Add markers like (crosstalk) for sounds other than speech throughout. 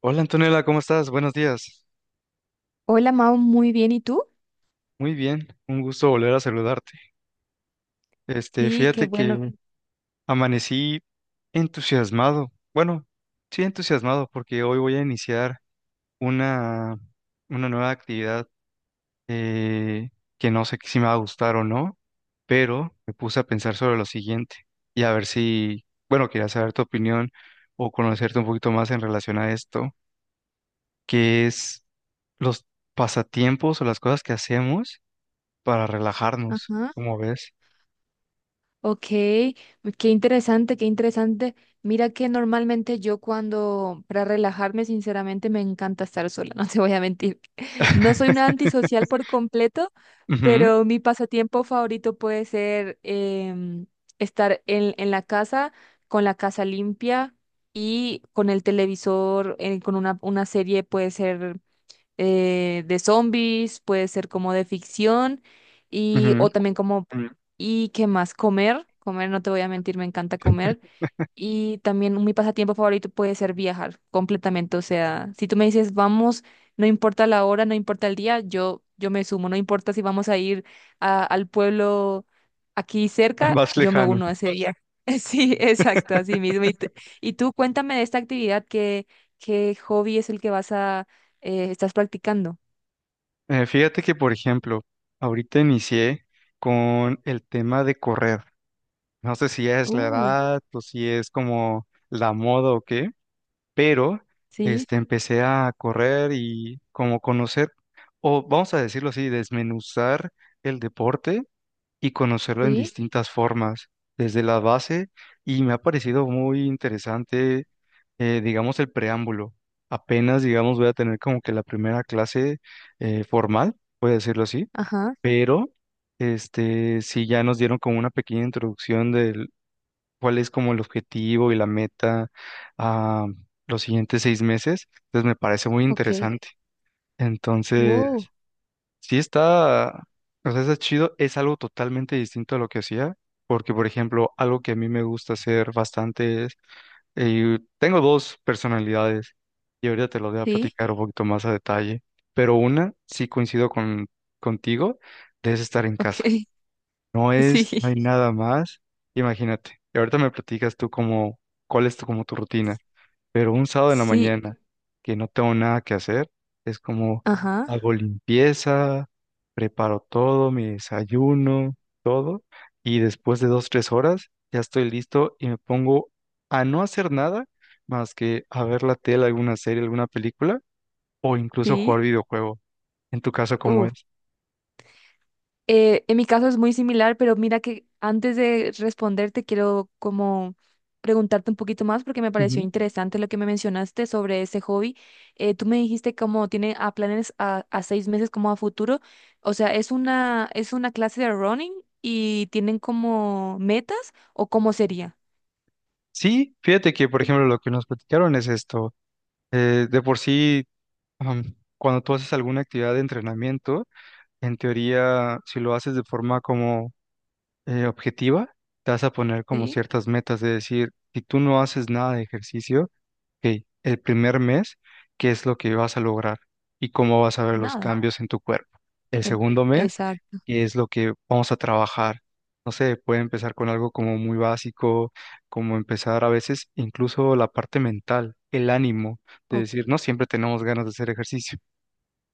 Hola Antonella, ¿cómo estás? Buenos días. Hola Mau, muy bien. ¿Y tú? Muy bien, un gusto volver a saludarte. Este, Sí, qué fíjate bueno. que amanecí entusiasmado. Bueno, sí entusiasmado porque hoy voy a iniciar una, una nueva actividad, eh, que no sé si me va a gustar o no, pero me puse a pensar sobre lo siguiente y a ver si, bueno, quería saber tu opinión o conocerte un poquito más en relación a esto, que es los pasatiempos o las cosas que hacemos para relajarnos, Ajá. como ves. Ok, qué interesante, qué interesante. Mira que normalmente yo cuando, para relajarme, sinceramente me encanta estar sola, (laughs) no te voy a mentir. No soy una (laughs) antisocial por completo, Ujú, pero mi pasatiempo favorito puede ser estar en la casa, con la casa limpia y con el televisor, con una serie puede ser de zombies, puede ser como de ficción y ujú. o también como y qué más comer, comer no te voy a mentir, me encanta comer. Y también mi pasatiempo favorito puede ser viajar completamente. O sea, si tú me dices, vamos, no importa la hora, no importa el día, yo me sumo. No importa si vamos a ir al pueblo aquí cerca, Más yo me lejano. uno a ese viaje. (laughs) Sí, exacto, así mismo. Y tú cuéntame de esta actividad, ¿qué hobby es el que estás practicando? Fíjate que, por ejemplo, ahorita inicié con el tema de correr. No sé si es la Uh, edad o si es como la moda o qué, pero sí, este, empecé a correr y como conocer, o vamos a decirlo así, desmenuzar el deporte y conocerlo en sí, distintas formas, desde la base, y me ha parecido muy interesante, digamos, el preámbulo. Apenas, digamos, voy a tener como que la primera clase formal, puede decirlo así, ajá, pero este, sí ya nos dieron como una pequeña introducción de cuál es como el objetivo y la meta a los siguientes 6 meses, entonces me parece muy ok. interesante. Entonces, Wow, sí está, o sea, está chido, es algo totalmente distinto a lo que hacía, porque por ejemplo, algo que a mí me gusta hacer bastante es, tengo dos personalidades y ahorita te lo voy a sí, platicar un poquito más a detalle, pero una sí coincido contigo, es estar en casa. ok, No (laughs) es, no hay sí, nada más, imagínate. Y ahorita me platicas tú como, cuál es tu, como tu rutina. Pero un sábado en la sí, mañana que no tengo nada que hacer, es como ajá, hago limpieza, preparo todo, mi desayuno, todo, y después de dos, tres horas ya estoy listo y me pongo a no hacer nada más que a ver la tele, alguna serie, alguna película o incluso jugar sí. videojuego. En tu caso, ¿cómo Uf, es? En mi caso es muy similar, pero mira que antes de responderte quiero como preguntarte un poquito más porque me pareció Ujú. interesante lo que me mencionaste sobre ese hobby. Tú me dijiste como tiene a planes a 6 meses como a futuro. O sea, es una clase de running y tienen como metas o cómo sería? Sí, fíjate que, por ejemplo, lo que nos platicaron es esto. De por sí, cuando tú haces alguna actividad de entrenamiento, en teoría, si lo haces de forma como objetiva, te vas a poner como Sí, ciertas metas de decir, si tú no haces nada de ejercicio, ok, el primer mes, ¿qué es lo que vas a lograr? Y cómo vas a ver los nada. cambios en tu cuerpo. El e- segundo mes, exacto. ¿qué es lo que vamos a trabajar? No sé, puede empezar con algo como muy básico, como empezar a veces incluso la parte mental, el ánimo, de Ok, decir, no siempre tenemos ganas de hacer ejercicio,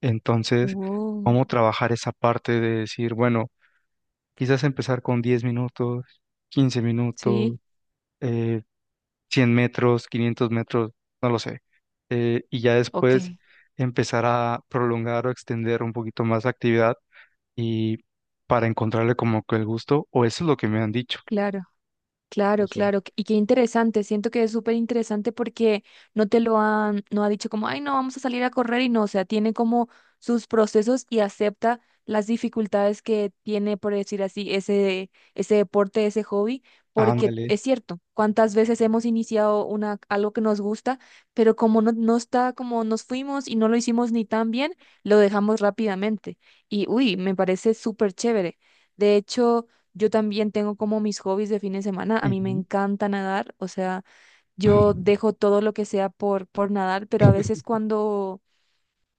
entonces, wow. ¿cómo trabajar esa parte de decir, bueno, quizás empezar con 10 minutos, 15 minutos, Sí, eh, 100 metros, 500 metros, no lo sé, y ya ok, después empezar a prolongar o extender un poquito más la actividad y para encontrarle como que el gusto, o eso es lo que me han dicho, claro. no Claro, sé. claro. Y qué interesante. Siento que es súper interesante porque no ha dicho como, ay, no, vamos a salir a correr y no. O sea, tiene como sus procesos y acepta las dificultades que tiene, por decir así, ese deporte, ese hobby. Porque Ándale. es cierto, cuántas veces hemos iniciado algo que nos gusta, pero como no está, como nos fuimos y no lo hicimos ni tan bien, lo dejamos rápidamente. Y uy, me parece súper chévere. De hecho. Yo también tengo como mis hobbies de fin de semana. A mí me Ujú. encanta nadar, o sea, yo dejo todo lo que sea por nadar, pero a veces cuando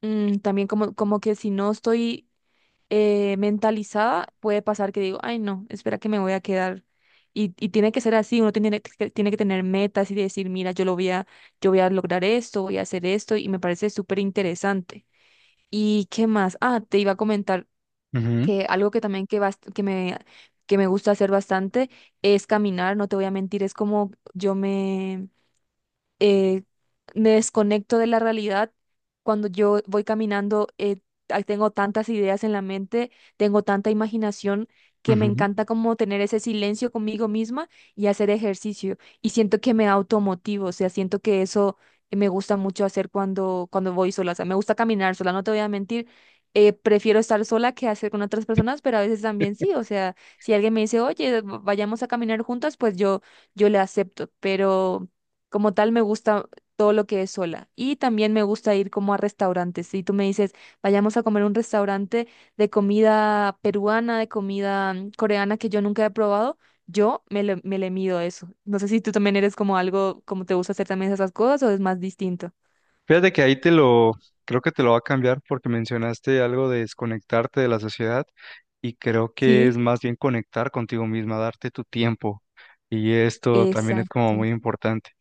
también como que si no estoy mentalizada, puede pasar que digo, ay no, espera que me voy a quedar. Y tiene que ser así, uno tiene que tener metas y decir, mira, yo voy a lograr esto, voy a hacer esto, y me parece súper interesante. ¿Y qué más? Ah, te iba a comentar Ujú, que algo que también que me gusta hacer bastante es caminar, no te voy a mentir, es como yo eh, me desconecto de la realidad. Cuando yo voy caminando, ah, tengo tantas ideas en la mente, tengo tanta imaginación que me ujú. encanta como tener ese silencio conmigo misma y hacer ejercicio. Y siento que me automotivo, o sea, siento que eso me gusta mucho hacer cuando voy sola. O sea, me gusta caminar sola, no te voy a mentir. Prefiero estar sola que hacer con otras personas, pero a veces también sí. O sea, si alguien me dice, oye, vayamos a caminar juntas, pues yo le acepto. Pero como tal, me gusta todo lo que es sola. Y también me gusta ir como a restaurantes. Si tú me dices, vayamos a comer a un restaurante de comida peruana, de comida coreana que yo nunca he probado, yo me le mido eso. No sé si tú también eres como algo, como te gusta hacer también esas cosas o es más distinto. Fíjate que ahí te lo, creo que te lo va a cambiar porque mencionaste algo de desconectarte de la sociedad y creo que es Sí, más bien conectar contigo misma, darte tu tiempo, y esto también es como exacto. muy importante.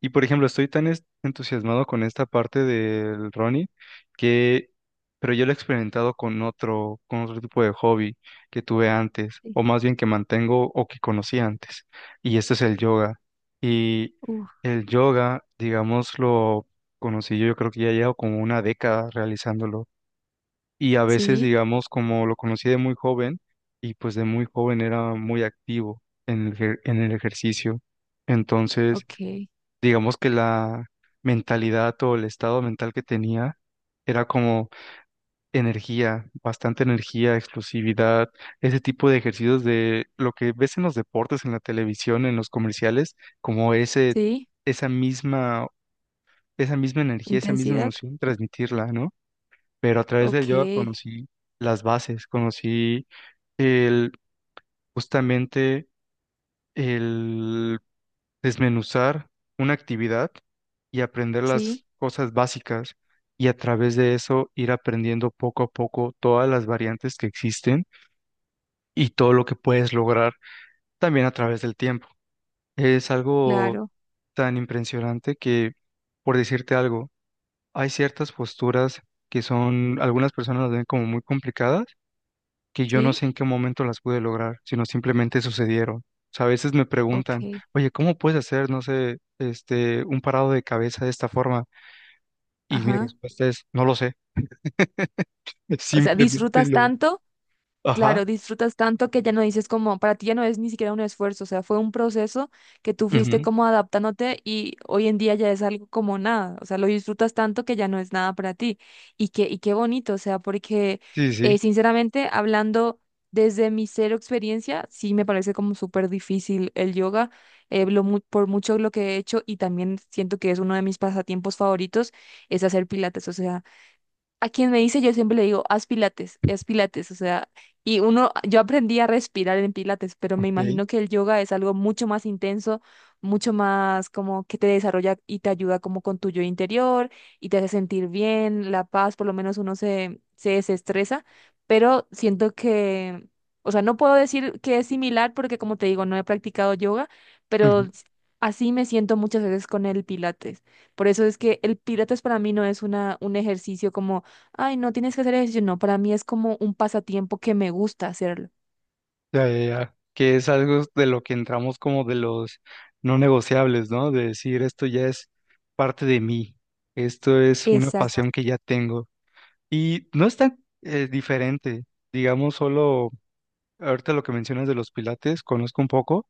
Y por ejemplo, estoy tan entusiasmado con esta parte del Ronnie que, pero yo lo he experimentado con otro tipo de hobby que tuve antes Sí, o más bien que mantengo o que conocí antes, y este es el yoga. Y uf, el yoga, digámoslo, conocí yo creo que ya llevo como una década realizándolo. Y a veces, sí, digamos, como lo conocí de muy joven, y pues de muy joven era muy activo en el, en el ejercicio. Entonces, ok. digamos que la mentalidad o el estado mental que tenía era como energía, bastante energía, explosividad, ese tipo de ejercicios de lo que ves en los deportes, en la televisión, en los comerciales, como ese, Sí, esa misma, esa misma energía, esa misma intensidad. emoción, transmitirla, ¿no? Pero a través del Ok, yoga conocí las bases, conocí el, justamente el desmenuzar una actividad y aprender las sí, cosas básicas, y a través de eso ir aprendiendo poco a poco todas las variantes que existen y todo lo que puedes lograr también a través del tiempo. Es algo claro. tan impresionante que, por decirte algo, hay ciertas posturas que son, algunas personas las ven como muy complicadas, que yo no Sí, sé en qué momento las pude lograr, sino simplemente sucedieron. O sea, a veces me preguntan, ok. oye, ¿cómo puedes hacer, no sé, este, un parado de cabeza de esta forma? Y mi Ajá. respuesta es, no lo sé, (laughs) O sea, simplemente disfrutas lo... tanto. Ajá. Claro, disfrutas tanto que ya no dices como, para ti ya no es ni siquiera un esfuerzo, o sea, fue un proceso que tú fuiste Ujú. como adaptándote y hoy en día ya es algo como nada, o sea, lo disfrutas tanto que ya no es nada para ti. Y qué bonito, o sea, porque Sí, sí, sinceramente, hablando desde mi cero experiencia, sí me parece como súper difícil el yoga, por mucho lo que he hecho y también siento que es uno de mis pasatiempos favoritos, es hacer pilates, o sea a quien me dice, yo siempre le digo, haz pilates, o sea, y uno, yo aprendí a respirar en pilates, pero me ok. imagino que el yoga es algo mucho más intenso, mucho más como que te desarrolla y te ayuda como con tu yo interior y te hace sentir bien, la paz, por lo menos uno se desestresa, pero siento que, o sea, no puedo decir que es similar porque como te digo, no he practicado yoga, pero Ujú. Así me siento muchas veces con el pilates. Por eso es que el pilates para mí no es un ejercicio como ay, no tienes que hacer ejercicio. No, para mí es como un pasatiempo que me gusta hacerlo. Ya, ya, ya. Que es algo de lo que entramos como de los no negociables, ¿no? De decir, esto ya es parte de mí, esto es una Exacto, pasión que ya tengo. Y no es tan diferente, digamos, solo ahorita lo que mencionas de los pilates, conozco un poco,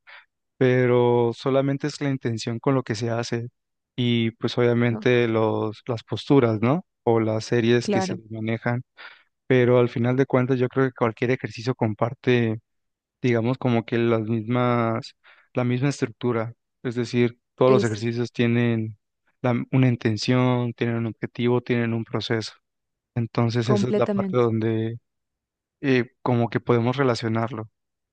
pero solamente es la intención con lo que se hace y pues obviamente los, las posturas, ¿no? O las series que se claro, manejan, pero al final de cuentas yo creo que cualquier ejercicio comparte, digamos, como que las mismas, la misma estructura, es decir, todos los esa, ejercicios tienen una intención, tienen un objetivo, tienen un proceso. Entonces esa es la parte completamente. donde como que podemos relacionarlo.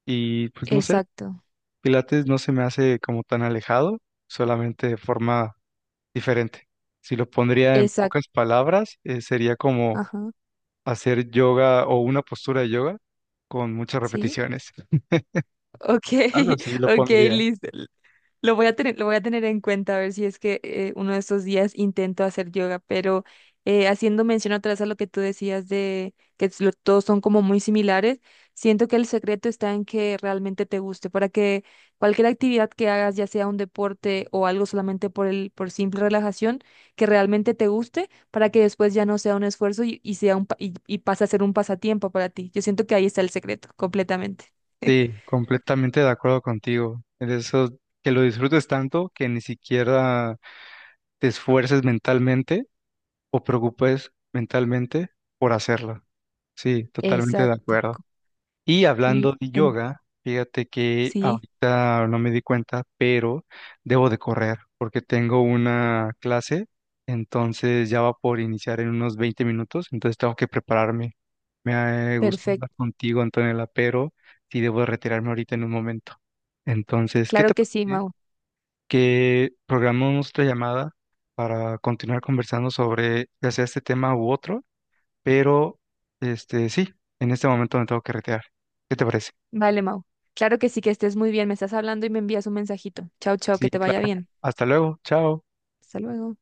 Y pues no sé, Exacto, pilates no se me hace como tan alejado, solamente de forma diferente. Si lo pondría en pocas exacto, palabras, sería como ajá, hacer yoga o una postura de yoga con muchas sí. repeticiones. Ok, Algo así (laughs) lo ok, pondría. listo. Lo voy a tener en cuenta a ver si es que uno de estos días intento hacer yoga, pero haciendo mención otra vez a lo que tú decías de que es todos son como muy similares, siento que el secreto está en que realmente te guste, para que cualquier actividad que hagas, ya sea un deporte o algo solamente por por simple relajación, que realmente te guste, para que después ya no sea un esfuerzo y sea y pase a ser un pasatiempo para ti. Yo siento que ahí está el secreto, completamente. Sí, completamente de acuerdo contigo. En eso, que lo disfrutes tanto que ni siquiera te esfuerces mentalmente o preocupes mentalmente por hacerlo. Sí, totalmente de Exacto. acuerdo. Y L- hablando de en- yoga, fíjate que sí, ahorita no me di cuenta, pero debo de correr porque tengo una clase, entonces ya va por iniciar en unos 20 minutos, entonces tengo que prepararme. Me gustó perfecto. hablar contigo, Antonella, pero sí debo de retirarme ahorita en un momento. Entonces, ¿qué te Claro que sí, parece Mau. que programamos nuestra llamada para continuar conversando sobre ya sea este tema u otro? Pero, este, sí, en este momento me tengo que retirar. ¿Qué te parece? Vale, Mau. Claro que sí, que estés muy bien. Me estás hablando y me envías un mensajito. Chao, chao, Sí, que te vaya claro. bien. Hasta luego. Chao. Hasta luego.